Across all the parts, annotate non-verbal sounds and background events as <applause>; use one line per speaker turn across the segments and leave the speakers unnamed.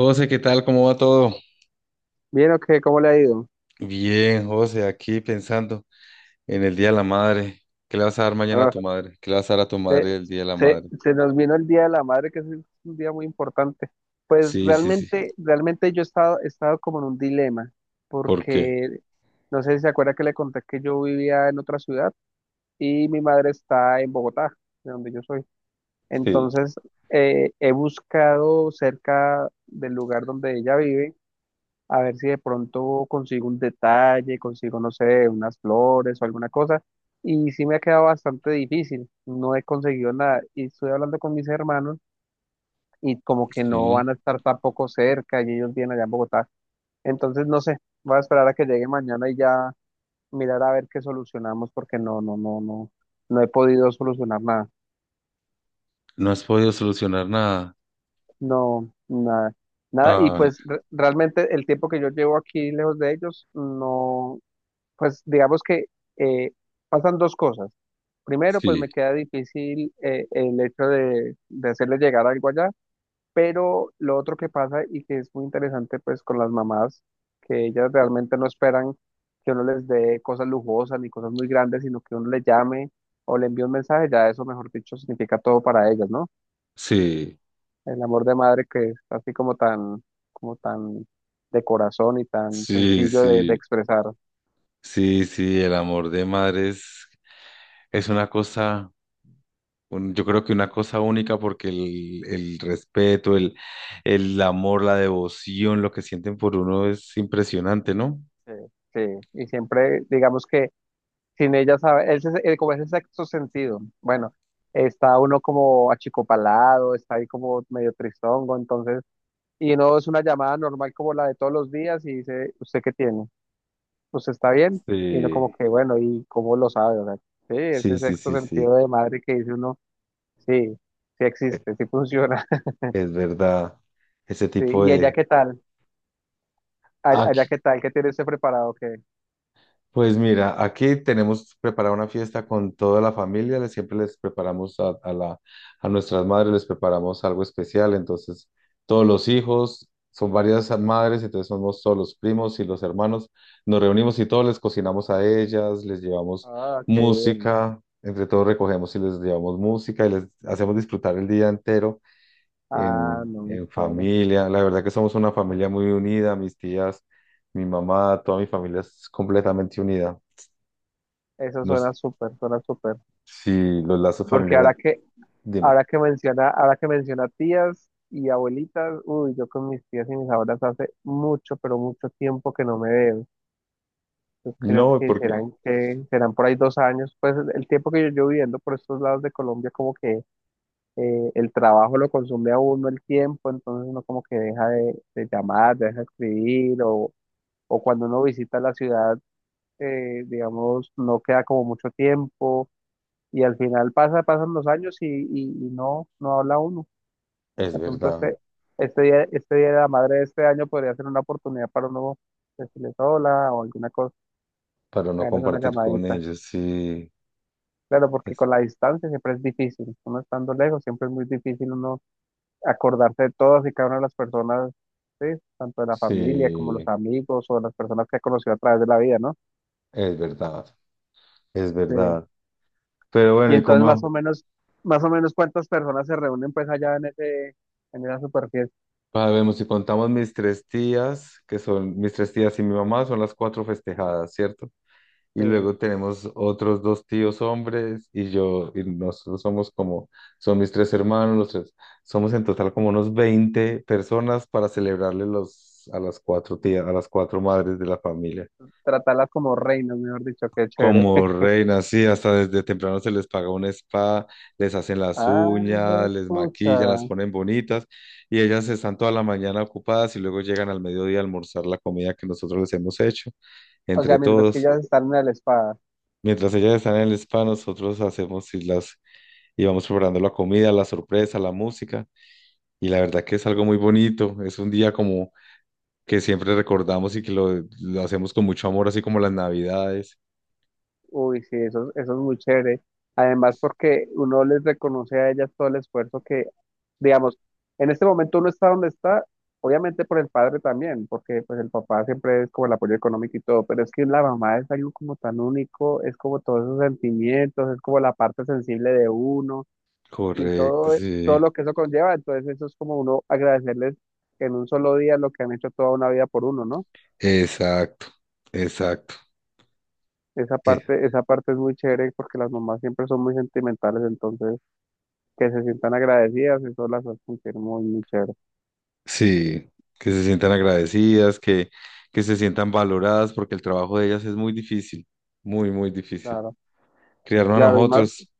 José, ¿qué tal? ¿Cómo va todo?
Bien, ok, ¿cómo le ha ido?
Bien, José, aquí pensando en el Día de la Madre. ¿Qué le vas a dar mañana a
Ah,
tu madre? ¿Qué le vas a dar a tu
se,
madre el Día de la Madre?
Se nos vino el Día de la Madre, que es un día muy importante. Pues
Sí, sí, sí.
realmente yo he estado como en un dilema,
¿Por qué?
porque no sé si se acuerda que le conté que yo vivía en otra ciudad y mi madre está en Bogotá, de donde yo soy.
Sí.
Entonces, he buscado cerca del lugar donde ella vive a ver si de pronto consigo un detalle, consigo, no sé, unas flores o alguna cosa. Y sí me ha quedado bastante difícil, no he conseguido nada. Y estoy hablando con mis hermanos y como que no
Sí.
van a estar tampoco cerca y ellos vienen allá en Bogotá. Entonces, no sé, voy a esperar a que llegue mañana y ya mirar a ver qué solucionamos porque no he podido solucionar nada.
No has podido solucionar nada.
No, nada. Nada, y
Ay,
pues realmente el tiempo que yo llevo aquí lejos de ellos, no. Pues digamos que eh, pasan dos cosas. Primero, pues
sí,
me queda difícil el hecho de hacerle llegar algo allá, pero lo otro que pasa y que es muy interesante pues con las mamás, que ellas realmente no esperan que uno les dé cosas lujosas ni cosas muy grandes, sino que uno le llame o le envíe un mensaje, ya eso, mejor dicho, significa todo para ellas, ¿no?
sí,
El amor de madre que es así como tan de corazón y tan
sí,
sencillo de
sí,
expresar.
sí, sí. El amor de madre es una cosa, yo creo que una cosa única porque el respeto, el amor, la devoción, lo que sienten por uno es impresionante, ¿no?
Sí, sí, y siempre digamos que sin ella sabe, ese, como ese sexto sentido, bueno, está uno como achicopalado, está ahí como medio tristongo, entonces, y no es una llamada normal como la de todos los días y dice, ¿usted qué tiene? ¿Usted está bien? Y uno
Sí,
como que, bueno, ¿y cómo lo sabe? O sea, sí,
sí,
ese
sí,
sexto
sí, sí,
sentido de madre que dice uno, sí, sí existe, sí funciona. <laughs>
es verdad. Ese
Sí,
tipo
¿y allá
de...
qué tal? ¿Allá
Aquí,
qué tal? ¿Qué tiene usted preparado? ¿Qué?
pues mira, aquí tenemos preparada una fiesta con toda la familia. Les siempre les preparamos a la, a nuestras madres, les preparamos algo especial, entonces todos los hijos, son varias madres, entonces somos todos los primos y los hermanos, nos reunimos y todos les cocinamos a ellas, les llevamos
Ah, qué bien.
música, entre todos recogemos y les llevamos música y les hacemos disfrutar el día entero
Ah, no, me
en
espera.
familia. La verdad que somos una familia muy unida, mis tías, mi mamá, toda mi familia es completamente unida.
Eso
No
suena súper, suena súper.
si los lazos
Porque
familiares,
ahora que,
dime.
ahora que menciona tías y abuelitas, uy, yo con mis tías y mis abuelas hace mucho, pero mucho tiempo que no me veo. Yo creo
No,
que
porque
serán por ahí 2 años. Pues el tiempo que yo llevo viviendo por estos lados de Colombia, como que el trabajo lo consume a uno el tiempo, entonces uno como que deja de llamar, deja de escribir, o cuando uno visita la ciudad, digamos, no queda como mucho tiempo y al final pasa, pasan los años y, y no, no habla uno.
es
De pronto
verdad,
este, este día de la madre de este año podría ser una oportunidad para uno decirles hola o alguna cosa,
para no
hacerles una
compartir con
llamadita.
ellos,
Claro, porque
es,
con la distancia siempre es difícil. Uno estando lejos siempre es muy difícil uno acordarse de todas y cada una de las personas, ¿sí? Tanto de la familia como los
sí,
amigos o las personas que ha conocido a través de la vida, ¿no?
es verdad, es
Sí.
verdad. Pero
Y
bueno, ¿y
entonces
cómo?
más o menos cuántas personas se reúnen pues allá en ese, en esa super fiesta.
Sabemos, si contamos mis tres tías, que son mis tres tías y mi mamá, son las cuatro festejadas, ¿cierto? Y luego tenemos otros dos tíos hombres y yo, y nosotros somos como, son mis tres hermanos, los tres, somos en total como unos 20 personas para celebrarle los, a las cuatro tías, a las cuatro madres de la familia.
Tratarlas como reinas, mejor dicho, qué chévere.
Como
<laughs>
reinas, sí, hasta desde temprano se les paga un spa, les hacen las uñas,
Ah,
les
pucha.
maquillan, las ponen bonitas y ellas están toda la mañana ocupadas y luego llegan al mediodía a almorzar la comida que nosotros les hemos hecho
O
entre
sea, mientras que
todos.
ellas están en la espada.
Mientras ellas están en el spa, nosotros hacemos y las y vamos preparando la comida, la sorpresa, la música. Y la verdad que es algo muy bonito. Es un día como que siempre recordamos y que lo hacemos con mucho amor, así como las Navidades.
Uy, sí, eso es muy chévere. Además, porque uno les reconoce a ellas todo el esfuerzo que, digamos, en este momento uno está donde está, obviamente por el padre también, porque pues el papá siempre es como el apoyo económico y todo, pero es que la mamá es algo como tan único, es como todos esos sentimientos, es como la parte sensible de uno. Y
Correcto,
todo, todo
sí.
lo que eso conlleva. Entonces eso es como uno agradecerles en un solo día lo que han hecho toda una vida por uno, ¿no?
Exacto, exacto. Eh,
Esa parte es muy chévere porque las mamás siempre son muy sentimentales, entonces que se sientan agradecidas, eso las hace sentir muy, muy chévere.
sí, que se sientan agradecidas, que se sientan valoradas, porque el trabajo de ellas es muy difícil, muy, muy difícil.
Claro,
Criarnos a
claro, y más,
nosotros,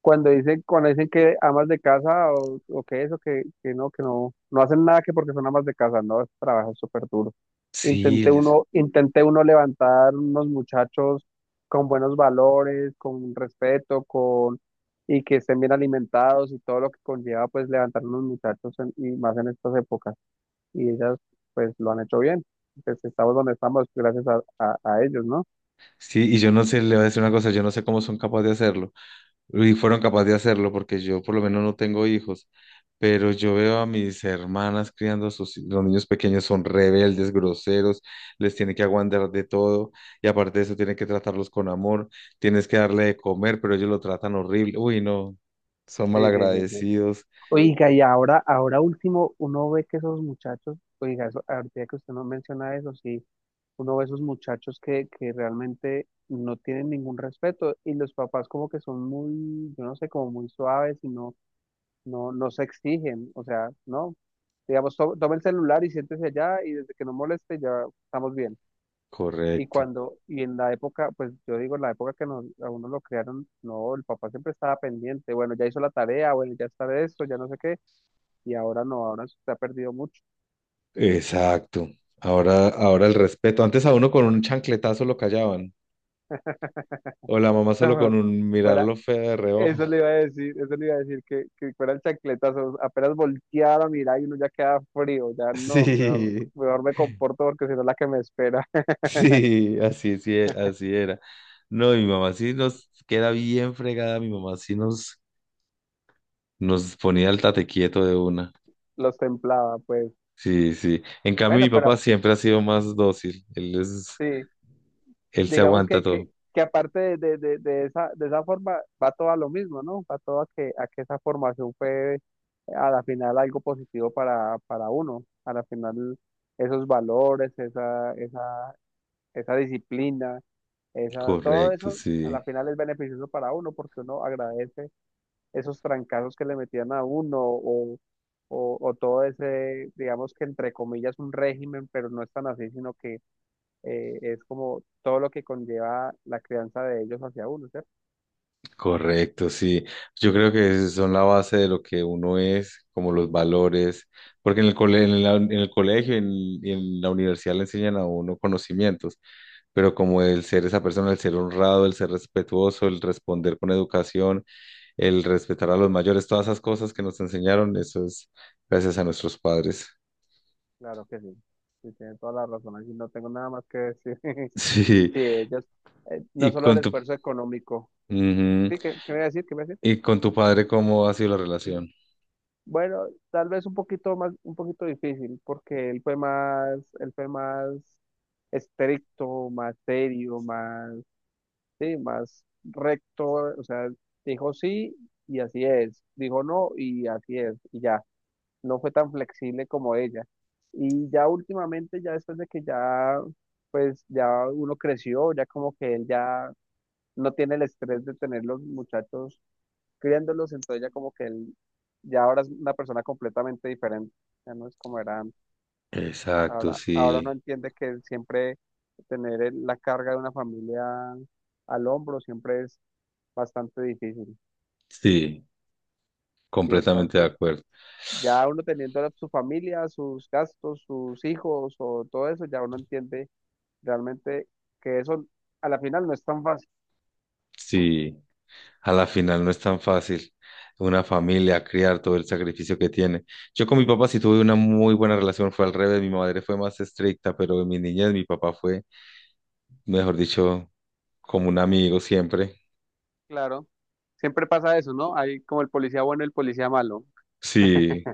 cuando dicen que amas de casa o que eso, que, que no, no hacen nada que porque son amas de casa, no, ese trabajo es súper duro.
sí, les.
Intenté uno levantar unos muchachos con buenos valores, con respeto, con, y que estén bien alimentados y todo lo que conlleva pues levantar unos muchachos y más en estas épocas. Y ellas pues lo han hecho bien. Pues estamos donde estamos gracias a, a ellos, ¿no?
Sí, y yo no sé, le voy a decir una cosa, yo no sé cómo son capaces de hacerlo, y fueron capaces de hacerlo, porque yo por lo menos no tengo hijos, pero yo veo a mis hermanas criando a sus, los niños pequeños, son rebeldes, groseros, les tiene que aguantar de todo, y aparte de eso tiene que tratarlos con amor, tienes que darle de comer, pero ellos lo tratan horrible, uy, no, son
Sí, sí, sí, sí.
malagradecidos,
Oiga, y ahora, ahora último, uno ve que esos muchachos, oiga, eso, ahorita que usted no menciona eso, sí, uno ve esos muchachos que realmente no tienen ningún respeto y los papás como que son muy, yo no sé, como muy suaves y no, no se exigen, o sea, no, digamos, toma el celular y siéntese allá y desde que no moleste ya estamos bien. Y
correcto,
cuando, y en la época, pues yo digo, en la época que nos, a uno lo crearon, no, el papá siempre estaba pendiente, bueno, ya hizo la tarea, bueno, ya está de esto, ya no sé qué y ahora no, ahora se ha perdido mucho.
exacto, ahora, ahora el respeto, antes a uno con un chancletazo lo callaban, o la mamá solo con
<laughs>
un
Fuera,
mirarlo feo de reojo.
eso le iba a decir, eso le iba a decir, que fuera el chancletazo, apenas voltear a mirar y uno ya queda frío, ya
<laughs>
no, mejor,
Sí,
mejor me comporto porque si no la que me espera, <laughs>
sí, así, sí, así era. No, mi mamá sí nos queda bien fregada, mi mamá sí nos, nos ponía el tate quieto de una.
los templaba, pues.
Sí, sí. En cambio, mi
Bueno,
papá
pero
siempre ha sido más dócil. Él es,
sí,
él se
digamos
aguanta todo.
que aparte de esa forma, va todo a lo mismo, ¿no? Va todo a que esa formación fue a la final algo positivo para uno, a la final esos valores, esa, esa esa disciplina, esa, todo
Correcto,
eso a la
sí,
final es beneficioso para uno porque uno agradece esos trancazos que le metían a uno o, o todo ese, digamos que entre comillas, un régimen, pero no es tan así, sino que es como todo lo que conlleva la crianza de ellos hacia uno, ¿cierto?
correcto, sí. Yo creo que son la base de lo que uno es, como los valores, porque en el en en el colegio y en la universidad le enseñan a uno conocimientos pero como el ser esa persona, el ser honrado, el ser respetuoso, el responder con educación, el respetar a los mayores, todas esas cosas que nos enseñaron, eso es gracias a nuestros padres. <laughs>
Claro que sí. Sí, tienen toda la razón, así no tengo nada más que decir. <laughs>
Sí,
Sí, ellos, no
y
solo el
con tu,
esfuerzo económico.
ujú.
Sí, ¿qué, qué me iba a decir? ¿Qué me iba a decir?
Y con tu padre, ¿cómo ha sido la relación?
Bueno, tal vez un poquito más, un poquito difícil, porque él fue más estricto, más serio, más, sí, más recto, o sea, dijo sí y así es, dijo no y así es, y ya, no fue tan flexible como ella. Y ya últimamente, ya después de que ya, pues ya uno creció, ya como que él ya no tiene el estrés de tener los muchachos criándolos, entonces ya como que él ya ahora es una persona completamente diferente, ya no es como era antes.
Exacto,
Ahora, ahora no
sí,
entiende que siempre tener la carga de una familia al hombro siempre es bastante difícil.
sí,
Y
completamente de
entonces
acuerdo.
ya uno teniendo su familia, sus gastos, sus hijos o todo eso, ya uno entiende realmente que eso a la final no es tan fácil.
Sí. A la final no es tan fácil. Una familia, criar todo el sacrificio que tiene. Yo con mi papá sí tuve una muy buena relación, fue al revés, mi madre fue más estricta, pero en mi niñez mi papá fue, mejor dicho, como un amigo siempre.
Claro, siempre pasa eso, ¿no? Hay como el policía bueno y el policía malo.
Sí,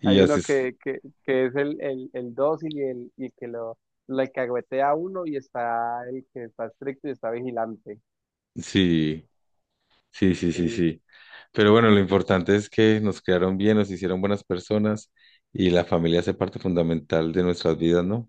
y
Hay
así
uno
es.
que es el dócil y el, y que lo alcahuetea a uno y está el que está estricto y está vigilante.
Sí, sí, sí, sí,
Sí,
sí. Pero bueno, lo importante es que nos crearon bien, nos hicieron buenas personas y la familia hace parte fundamental de nuestras vidas, ¿no?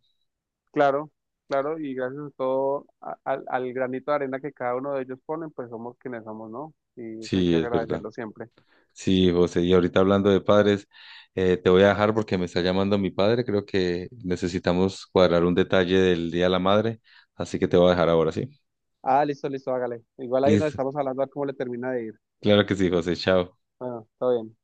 claro, claro, y gracias a todo, al, al granito de arena que cada uno de ellos ponen, pues somos quienes somos, ¿no? Y eso hay que
Sí, es verdad.
agradecerlo siempre.
Sí, José, y ahorita hablando de padres, te voy a dejar porque me está llamando mi padre. Creo que necesitamos cuadrar un detalle del Día de la Madre, así que te voy a dejar ahora, ¿sí?
Ah, listo, listo, hágale. Igual ahí nos
Listo.
estamos hablando a ver cómo le termina de ir.
Claro que sí, José. Chao.
Bueno, todo bien.